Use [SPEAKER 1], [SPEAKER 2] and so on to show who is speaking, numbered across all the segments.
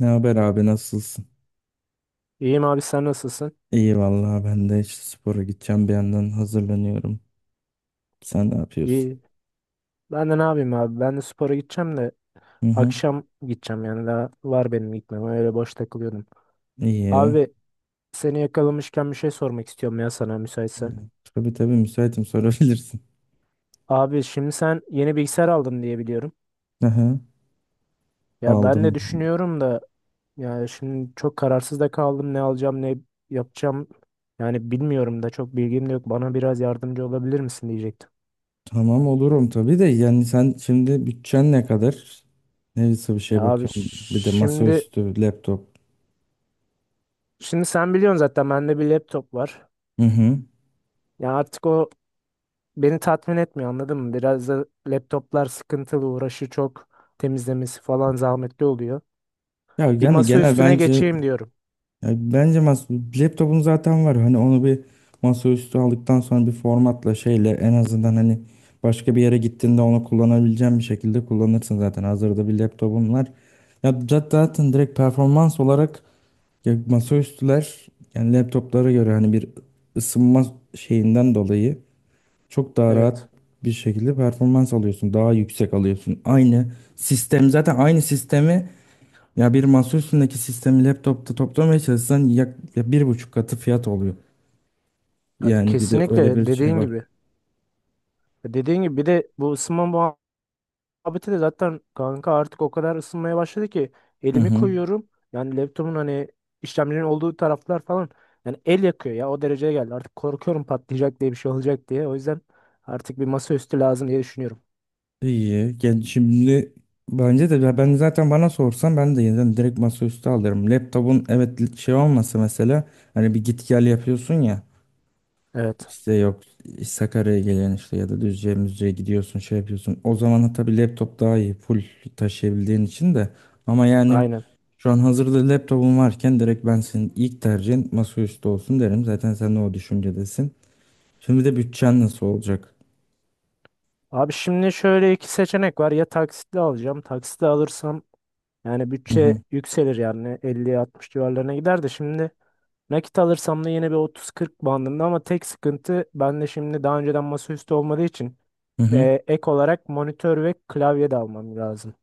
[SPEAKER 1] Ne haber abi nasılsın?
[SPEAKER 2] İyiyim abi sen nasılsın?
[SPEAKER 1] İyi vallahi ben de işte spora gideceğim bir yandan hazırlanıyorum. Sen ne yapıyorsun?
[SPEAKER 2] İyi. Ben de ne yapayım abi? Ben de spora gideceğim de
[SPEAKER 1] Hı hı.
[SPEAKER 2] akşam gideceğim yani daha var benim gitmem. Öyle boş takılıyordum.
[SPEAKER 1] İyi.
[SPEAKER 2] Abi seni yakalamışken bir şey sormak istiyorum ya sana
[SPEAKER 1] Hı.
[SPEAKER 2] müsaitsen.
[SPEAKER 1] Tabii tabii müsaitim sorabilirsin.
[SPEAKER 2] Abi şimdi sen yeni bilgisayar aldın diye biliyorum.
[SPEAKER 1] Hı hı.
[SPEAKER 2] Ya ben de
[SPEAKER 1] Aldım.
[SPEAKER 2] düşünüyorum da yani şimdi çok kararsız da kaldım ne alacağım ne yapacağım. Yani bilmiyorum da çok bilgim de yok. Bana biraz yardımcı olabilir misin diyecektim.
[SPEAKER 1] Tamam olurum tabii de yani sen şimdi bütçen ne kadar? Neyse bir
[SPEAKER 2] Ya
[SPEAKER 1] şey
[SPEAKER 2] abi
[SPEAKER 1] bakıyorum. Bir de
[SPEAKER 2] şimdi
[SPEAKER 1] masaüstü, laptop.
[SPEAKER 2] şimdi sen biliyorsun zaten bende bir laptop var.
[SPEAKER 1] Hı hı.
[SPEAKER 2] Ya artık o beni tatmin etmiyor anladın mı? Biraz da laptoplar sıkıntılı, uğraşı çok, temizlemesi falan zahmetli oluyor.
[SPEAKER 1] Ya
[SPEAKER 2] Bir
[SPEAKER 1] yani
[SPEAKER 2] masa
[SPEAKER 1] genel
[SPEAKER 2] üstüne
[SPEAKER 1] bence.
[SPEAKER 2] geçeyim diyorum.
[SPEAKER 1] Ya bence laptopun zaten var. Hani onu bir masaüstü aldıktan sonra bir formatla şeyle en azından hani başka bir yere gittiğinde onu kullanabileceğin bir şekilde kullanırsın zaten. Hazırda bir laptopun var. Ya zaten direkt performans olarak ya masaüstüler yani laptoplara göre hani bir ısınma şeyinden dolayı çok daha rahat
[SPEAKER 2] Evet.
[SPEAKER 1] bir şekilde performans alıyorsun. Daha yüksek alıyorsun. Aynı sistem zaten aynı sistemi ya bir masa üstündeki sistemi laptopta toplamaya çalışsan yak, ya bir buçuk katı fiyat oluyor.
[SPEAKER 2] Ya
[SPEAKER 1] Yani bir de öyle bir
[SPEAKER 2] kesinlikle
[SPEAKER 1] şey
[SPEAKER 2] dediğin
[SPEAKER 1] var.
[SPEAKER 2] gibi. Ya dediğin gibi bir de bu ısınma muhabbeti de zaten kanka artık o kadar ısınmaya başladı ki
[SPEAKER 1] Hı
[SPEAKER 2] elimi
[SPEAKER 1] hı.
[SPEAKER 2] koyuyorum. Yani laptopun hani işlemcinin olduğu taraflar falan yani el yakıyor ya, o dereceye geldi. Artık korkuyorum patlayacak diye, bir şey olacak diye. O yüzden artık bir masaüstü lazım diye düşünüyorum.
[SPEAKER 1] İyi. Yani şimdi bence de ya ben zaten bana sorsan ben de yeniden direkt masaüstü alırım. Laptopun evet şey olmasa mesela hani bir git gel yapıyorsun ya.
[SPEAKER 2] Evet.
[SPEAKER 1] İşte yok Sakarya'ya gelen işte ya da Düzce'ye Müzce'ye gidiyorsun şey yapıyorsun. O zaman tabii laptop daha iyi full taşıyabildiğin için de. Ama yani
[SPEAKER 2] Aynen.
[SPEAKER 1] şu an hazırda laptopum varken direkt ben senin ilk tercihin masaüstü olsun derim. Zaten sen de o düşüncedesin. Şimdi de bütçen nasıl olacak?
[SPEAKER 2] Abi şimdi şöyle iki seçenek var. Ya taksitle alacağım. Taksitle alırsam yani
[SPEAKER 1] Hı hı.
[SPEAKER 2] bütçe yükselir, yani 50 60 civarlarına gider de, şimdi nakit alırsam da yine bir 30-40 bandında, ama tek sıkıntı, ben de şimdi daha önceden masaüstü olmadığı için
[SPEAKER 1] Hı hı.
[SPEAKER 2] ek olarak monitör ve klavye de almam lazım.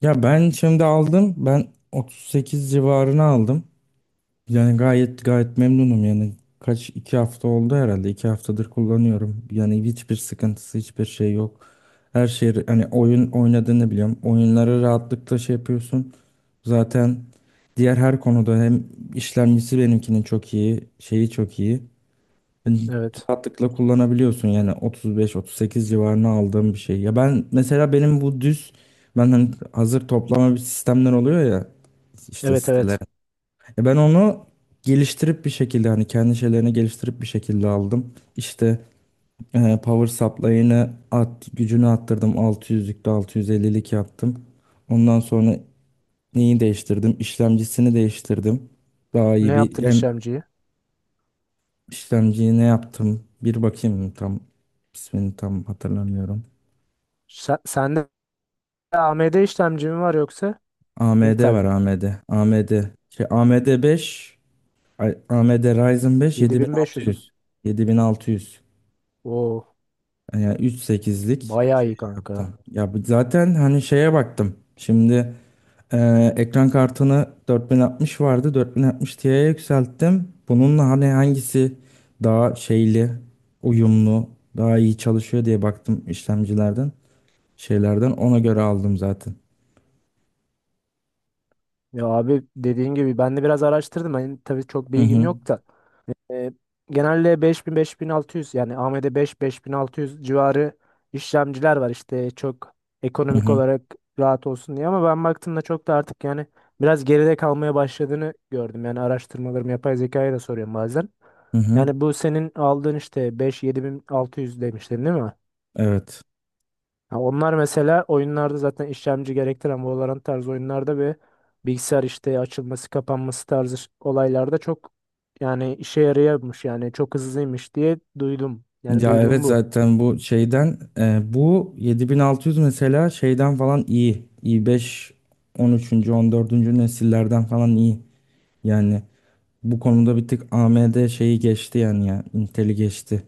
[SPEAKER 1] Ya ben şimdi aldım. Ben 38 civarına aldım. Yani gayet gayet memnunum yani. Kaç iki hafta oldu herhalde. 2 haftadır kullanıyorum. Yani hiçbir sıkıntısı hiçbir şey yok. Her şey hani oyun oynadığını biliyorum. Oyunları rahatlıkla şey yapıyorsun. Zaten diğer her konuda hem işlemcisi benimkinin çok iyi, şeyi çok iyi. Yani
[SPEAKER 2] Evet.
[SPEAKER 1] rahatlıkla kullanabiliyorsun yani 35-38 civarına aldığım bir şey. Ya ben mesela benim bu düz ben hani hazır toplama bir sistemler oluyor ya işte
[SPEAKER 2] Evet,
[SPEAKER 1] siteler.
[SPEAKER 2] evet.
[SPEAKER 1] Ya ben onu geliştirip bir şekilde hani kendi şeylerini geliştirip bir şekilde aldım. İşte power supply'ını at, gücünü arttırdım. 600'lükte 650'lik yaptım. Ondan sonra neyi değiştirdim? İşlemcisini değiştirdim. Daha
[SPEAKER 2] Ne
[SPEAKER 1] iyi bir
[SPEAKER 2] yaptın
[SPEAKER 1] hem
[SPEAKER 2] işlemciyi?
[SPEAKER 1] işlemciyi ne yaptım? Bir bakayım tam ismini tam hatırlamıyorum.
[SPEAKER 2] Sende AMD işlemci mi var yoksa
[SPEAKER 1] AMD
[SPEAKER 2] Intel
[SPEAKER 1] var
[SPEAKER 2] mi?
[SPEAKER 1] AMD. AMD. Şey, AMD 5 ay, AMD Ryzen 5
[SPEAKER 2] 7500 mü?
[SPEAKER 1] 7600. 7600.
[SPEAKER 2] Oo,
[SPEAKER 1] Yani 3.8'lik
[SPEAKER 2] bayağı
[SPEAKER 1] şey
[SPEAKER 2] iyi kanka.
[SPEAKER 1] yaptım. Ya zaten hani şeye baktım. Şimdi ekran kartını 4060 vardı. 4060 Ti'ye yükselttim. Bununla hani hangisi daha şeyli, uyumlu, daha iyi çalışıyor diye baktım işlemcilerden, şeylerden. Ona göre aldım zaten.
[SPEAKER 2] Ya abi dediğin gibi ben de biraz araştırdım. Hani tabii çok
[SPEAKER 1] Hı
[SPEAKER 2] bilgim
[SPEAKER 1] hı.
[SPEAKER 2] yok da. E, genelde 5.000, 5.600, yani beş, 5.600 civarı işlemciler var işte, çok
[SPEAKER 1] Hı
[SPEAKER 2] ekonomik
[SPEAKER 1] hı.
[SPEAKER 2] olarak rahat olsun diye, ama ben baktığımda çok da artık yani biraz geride kalmaya başladığını gördüm. Yani araştırmalarımı yapay zekaya da soruyorum bazen.
[SPEAKER 1] Hı hı.
[SPEAKER 2] Yani bu senin aldığın işte beş, 7.600 demiştin değil mi?
[SPEAKER 1] Evet.
[SPEAKER 2] Ha, onlar mesela oyunlarda zaten işlemci gerektiren Valorant tarzı oyunlarda ve bilgisayar işte açılması kapanması tarzı olaylarda çok yani işe yarıyormuş, yani çok hızlıymış diye duydum. Yani
[SPEAKER 1] Ya evet
[SPEAKER 2] duyduğum bu.
[SPEAKER 1] zaten bu şeyden bu 7600 mesela şeyden falan iyi. i5 13. 14. nesillerden falan iyi. Yani bu konuda bir tık AMD şeyi geçti yani ya. Intel'i geçti.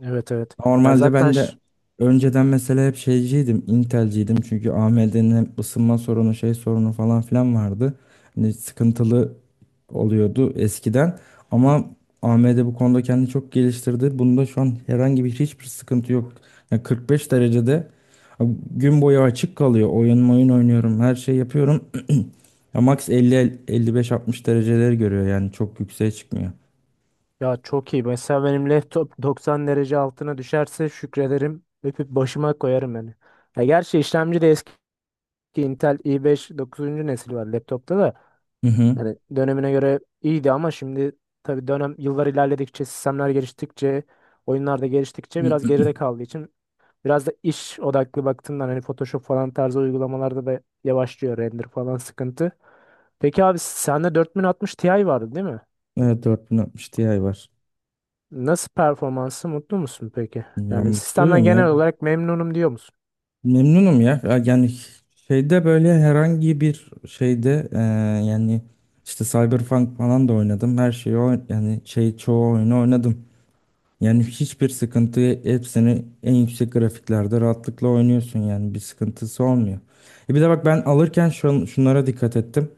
[SPEAKER 2] Evet, evet. Ya
[SPEAKER 1] Normalde
[SPEAKER 2] zaten
[SPEAKER 1] ben de
[SPEAKER 2] ş-
[SPEAKER 1] önceden mesela hep şeyciydim. Intel'ciydim çünkü AMD'nin hep ısınma sorunu şey sorunu falan filan vardı. Hani sıkıntılı oluyordu eskiden. Ama AMD bu konuda kendini çok geliştirdi. Bunda şu an herhangi bir hiçbir sıkıntı yok. Yani 45 derecede gün boyu açık kalıyor. Oyun oynuyorum. Her şey yapıyorum. Ya max 50 55 60 dereceleri görüyor yani çok yükseğe çıkmıyor.
[SPEAKER 2] Ya çok iyi. Mesela benim laptop 90 derece altına düşerse şükrederim. Öpüp başıma koyarım yani. Ya gerçi işlemci de eski, Intel i5 9. nesil var laptopta da.
[SPEAKER 1] Hı hı.
[SPEAKER 2] Yani dönemine göre iyiydi ama şimdi tabii dönem yıllar ilerledikçe, sistemler geliştikçe, oyunlar da geliştikçe biraz geride kaldığı için, biraz da iş odaklı baktığımdan hani Photoshop falan tarzı uygulamalarda da yavaşlıyor, render falan sıkıntı. Peki abi sende 4060 Ti vardı değil mi?
[SPEAKER 1] Evet 4060 Ti var.
[SPEAKER 2] Nasıl, performansı, mutlu musun peki?
[SPEAKER 1] Ya
[SPEAKER 2] Yani sistemden
[SPEAKER 1] mutluyum ya.
[SPEAKER 2] genel olarak memnunum diyor musun?
[SPEAKER 1] Memnunum ya. Ya yani şeyde böyle herhangi bir şeyde yani işte Cyberpunk falan da oynadım. Her şeyi yani şey çoğu oyunu oynadım. Yani hiçbir sıkıntı hepsini en yüksek grafiklerde rahatlıkla oynuyorsun yani bir sıkıntısı olmuyor. E bir de bak ben alırken şunlara dikkat ettim.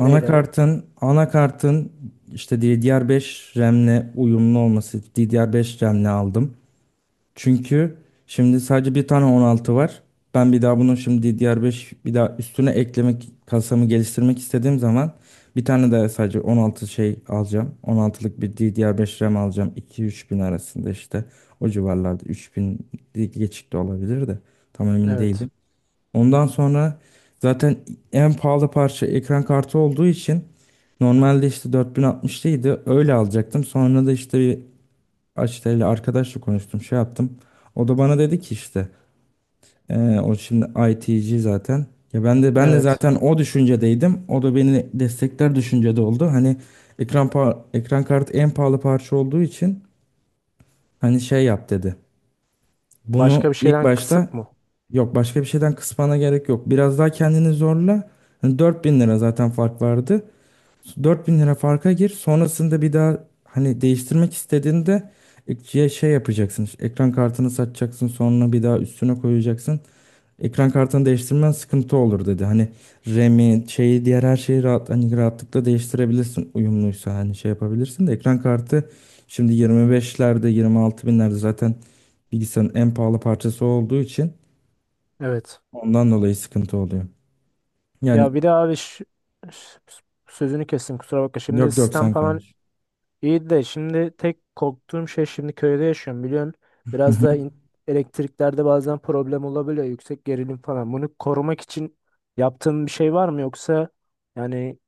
[SPEAKER 2] Neyleri?
[SPEAKER 1] anakartın işte DDR5 RAM'le uyumlu olması. DDR5 RAM'le aldım. Çünkü şimdi sadece bir tane 16 var. Ben bir daha bunun şimdi DDR5 bir daha üstüne eklemek kasamı geliştirmek istediğim zaman bir tane daha sadece 16 şey alacağım. 16'lık bir DDR5 RAM alacağım. 2-3 bin arasında işte o civarlarda 3 bin geçik de olabilir de tam emin
[SPEAKER 2] Evet.
[SPEAKER 1] değilim. Ondan sonra zaten en pahalı parça ekran kartı olduğu için normalde işte 4060'lıydı. Öyle alacaktım. Sonra da işte bir Açtel'le arkadaşla konuştum, şey yaptım. O da bana dedi ki işte o şimdi ITC zaten. Ya ben de
[SPEAKER 2] Evet.
[SPEAKER 1] zaten o düşüncedeydim. O da beni destekler düşüncede oldu. Hani ekran ekran kartı en pahalı parça olduğu için hani şey yap dedi. Bunu
[SPEAKER 2] Başka bir
[SPEAKER 1] ilk
[SPEAKER 2] şeyden
[SPEAKER 1] başta.
[SPEAKER 2] kısıp mı?
[SPEAKER 1] Yok başka bir şeyden kısmana gerek yok. Biraz daha kendini zorla. Hani 4 bin lira zaten fark vardı. 4000 lira farka gir. Sonrasında bir daha hani değiştirmek istediğinde ikiye şey yapacaksın. İşte ekran kartını satacaksın. Sonra bir daha üstüne koyacaksın. Ekran kartını değiştirmen sıkıntı olur dedi. Hani RAM'i şeyi diğer her şeyi rahat, hani rahatlıkla değiştirebilirsin. Uyumluysa hani şey yapabilirsin de ekran kartı şimdi 25'lerde 26 binlerde zaten bilgisayarın en pahalı parçası olduğu için
[SPEAKER 2] Evet.
[SPEAKER 1] ondan dolayı sıkıntı oluyor.
[SPEAKER 2] Ya
[SPEAKER 1] Yani
[SPEAKER 2] bir de abi ş- sözünü kestim, kusura bakma. Şimdi
[SPEAKER 1] yok yok
[SPEAKER 2] sistem
[SPEAKER 1] sen
[SPEAKER 2] falan
[SPEAKER 1] konuş.
[SPEAKER 2] iyiydi de, şimdi tek korktuğum şey, şimdi köyde yaşıyorum biliyorsun. Biraz da elektriklerde bazen problem olabiliyor, yüksek gerilim falan. Bunu korumak için yaptığın bir şey var mı, yoksa yani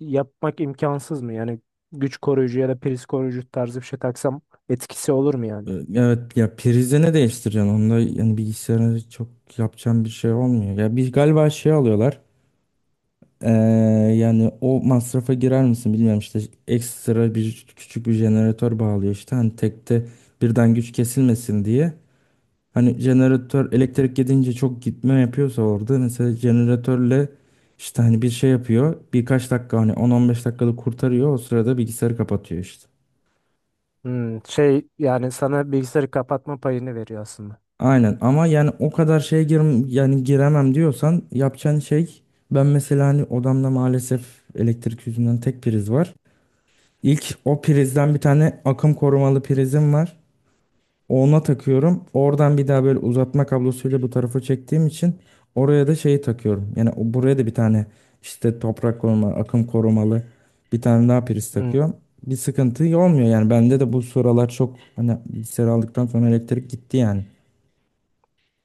[SPEAKER 2] yapmak imkansız mı? Yani güç koruyucu ya da priz koruyucu tarzı bir şey taksam etkisi olur mu yani?
[SPEAKER 1] Evet ya prize ne değiştireceksin? Onda yani bilgisayarına çok yapacağım bir şey olmuyor. Ya bir galiba şey alıyorlar. Ee, yani o masrafa girer misin bilmiyorum işte ekstra bir küçük bir jeneratör bağlıyor işte hani tekte birden güç kesilmesin diye. Hani jeneratör elektrik gidince çok gitme yapıyorsa orada mesela jeneratörle işte hani bir şey yapıyor birkaç dakika hani 10-15 dakikalık kurtarıyor o sırada bilgisayarı kapatıyor işte.
[SPEAKER 2] Şey yani sana bilgisayarı kapatma payını veriyor aslında.
[SPEAKER 1] Aynen ama yani o kadar şeye gir yani giremem diyorsan yapacağın şey ben mesela hani odamda maalesef elektrik yüzünden tek priz var. İlk o prizden bir tane akım korumalı prizim var. Ona takıyorum. Oradan bir daha böyle uzatma kablosuyla bu tarafa çektiğim için oraya da şeyi takıyorum. Yani buraya da bir tane işte toprak koruma, akım korumalı bir tane daha priz
[SPEAKER 2] Hmm,
[SPEAKER 1] takıyorum. Bir sıkıntı olmuyor yani bende de bu sıralar çok hani bilgisayar aldıktan sonra elektrik gitti yani.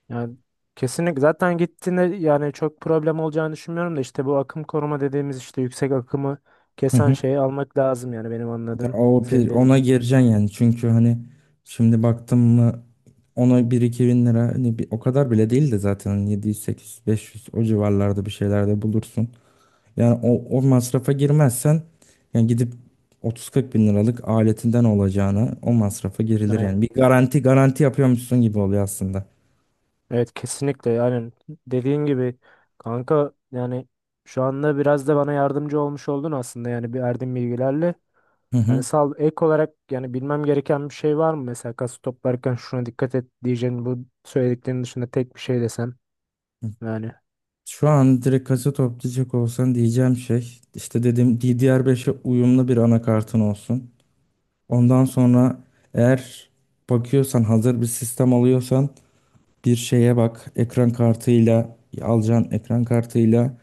[SPEAKER 2] yani kesinlikle, zaten gittiğinde yani çok problem olacağını düşünmüyorum da, işte bu akım koruma dediğimiz, işte yüksek akımı kesen şeyi almak lazım yani, benim
[SPEAKER 1] Ya
[SPEAKER 2] anladığım
[SPEAKER 1] o
[SPEAKER 2] senin dediğin
[SPEAKER 1] ona
[SPEAKER 2] gibi.
[SPEAKER 1] gireceksin yani çünkü hani şimdi baktım mı ona bir 2 bin lira hani bir, o kadar bile değil de zaten hani 700 800 500 o civarlarda bir şeyler de bulursun. Yani o masrafa girmezsen yani gidip 30 40 bin liralık aletinden olacağına o masrafa girilir
[SPEAKER 2] Evet.
[SPEAKER 1] yani. Bir garanti garanti yapıyormuşsun gibi oluyor aslında.
[SPEAKER 2] Evet, kesinlikle yani, dediğin gibi kanka. Yani şu anda biraz da bana yardımcı olmuş oldun aslında yani, bir verdiğin bilgilerle.
[SPEAKER 1] Hı
[SPEAKER 2] Yani
[SPEAKER 1] hı.
[SPEAKER 2] sağ ol. Ek olarak yani bilmem gereken bir şey var mı? Mesela kası toplarken şuna dikkat et diyeceğin, bu söylediklerinin dışında tek bir şey desem yani.
[SPEAKER 1] Şu an direkt kasa toplayacak olsan diyeceğim şey işte dediğim DDR5'e uyumlu bir anakartın olsun. Ondan sonra eğer bakıyorsan hazır bir sistem alıyorsan bir şeye bak. Ekran kartıyla alacağın ekran kartıyla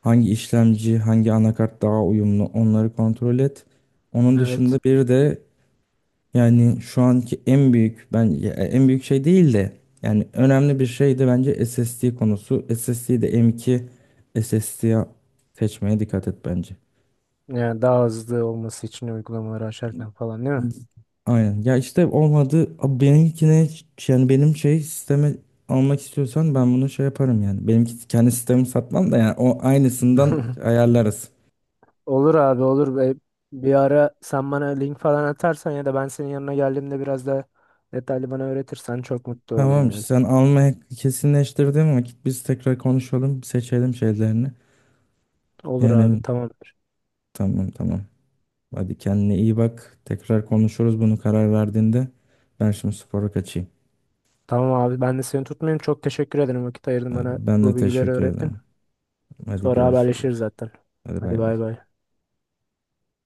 [SPEAKER 1] hangi işlemci, hangi anakart daha uyumlu onları kontrol et. Onun dışında
[SPEAKER 2] Evet.
[SPEAKER 1] bir de yani şu anki en büyük ben en büyük şey değil de yani önemli bir şey de bence SSD konusu. SSD'yi de m M.2 SSD'ye seçmeye dikkat et bence.
[SPEAKER 2] Yani daha hızlı olması için, uygulamaları açarken falan değil mi?
[SPEAKER 1] Aynen. Ya işte olmadı. Abi benimkine yani benim şey sistemi almak istiyorsan ben bunu şey yaparım yani. Benimki kendi sistemi satmam da yani o aynısından ayarlarız.
[SPEAKER 2] Olur abi, olur. Be. Bir ara sen bana link falan atarsan ya da ben senin yanına geldiğimde biraz da detaylı bana öğretirsen çok mutlu
[SPEAKER 1] Tamam
[SPEAKER 2] olurum
[SPEAKER 1] işte,
[SPEAKER 2] yani.
[SPEAKER 1] sen almaya kesinleştirdiğin vakit biz tekrar konuşalım seçelim şeylerini.
[SPEAKER 2] Olur abi,
[SPEAKER 1] Yani
[SPEAKER 2] tamamdır.
[SPEAKER 1] tamam tamam. Hadi kendine iyi bak. Tekrar konuşuruz bunu karar verdiğinde. Ben şimdi spora kaçayım.
[SPEAKER 2] Tamam abi, ben de seni tutmayayım. Çok teşekkür ederim, vakit ayırdın, bana
[SPEAKER 1] Ben de
[SPEAKER 2] bu bilgileri
[SPEAKER 1] teşekkür
[SPEAKER 2] öğrettin.
[SPEAKER 1] ederim. Hadi
[SPEAKER 2] Sonra haberleşiriz
[SPEAKER 1] görüşürüz.
[SPEAKER 2] zaten.
[SPEAKER 1] Hadi
[SPEAKER 2] Hadi
[SPEAKER 1] bay bay.
[SPEAKER 2] bay bay.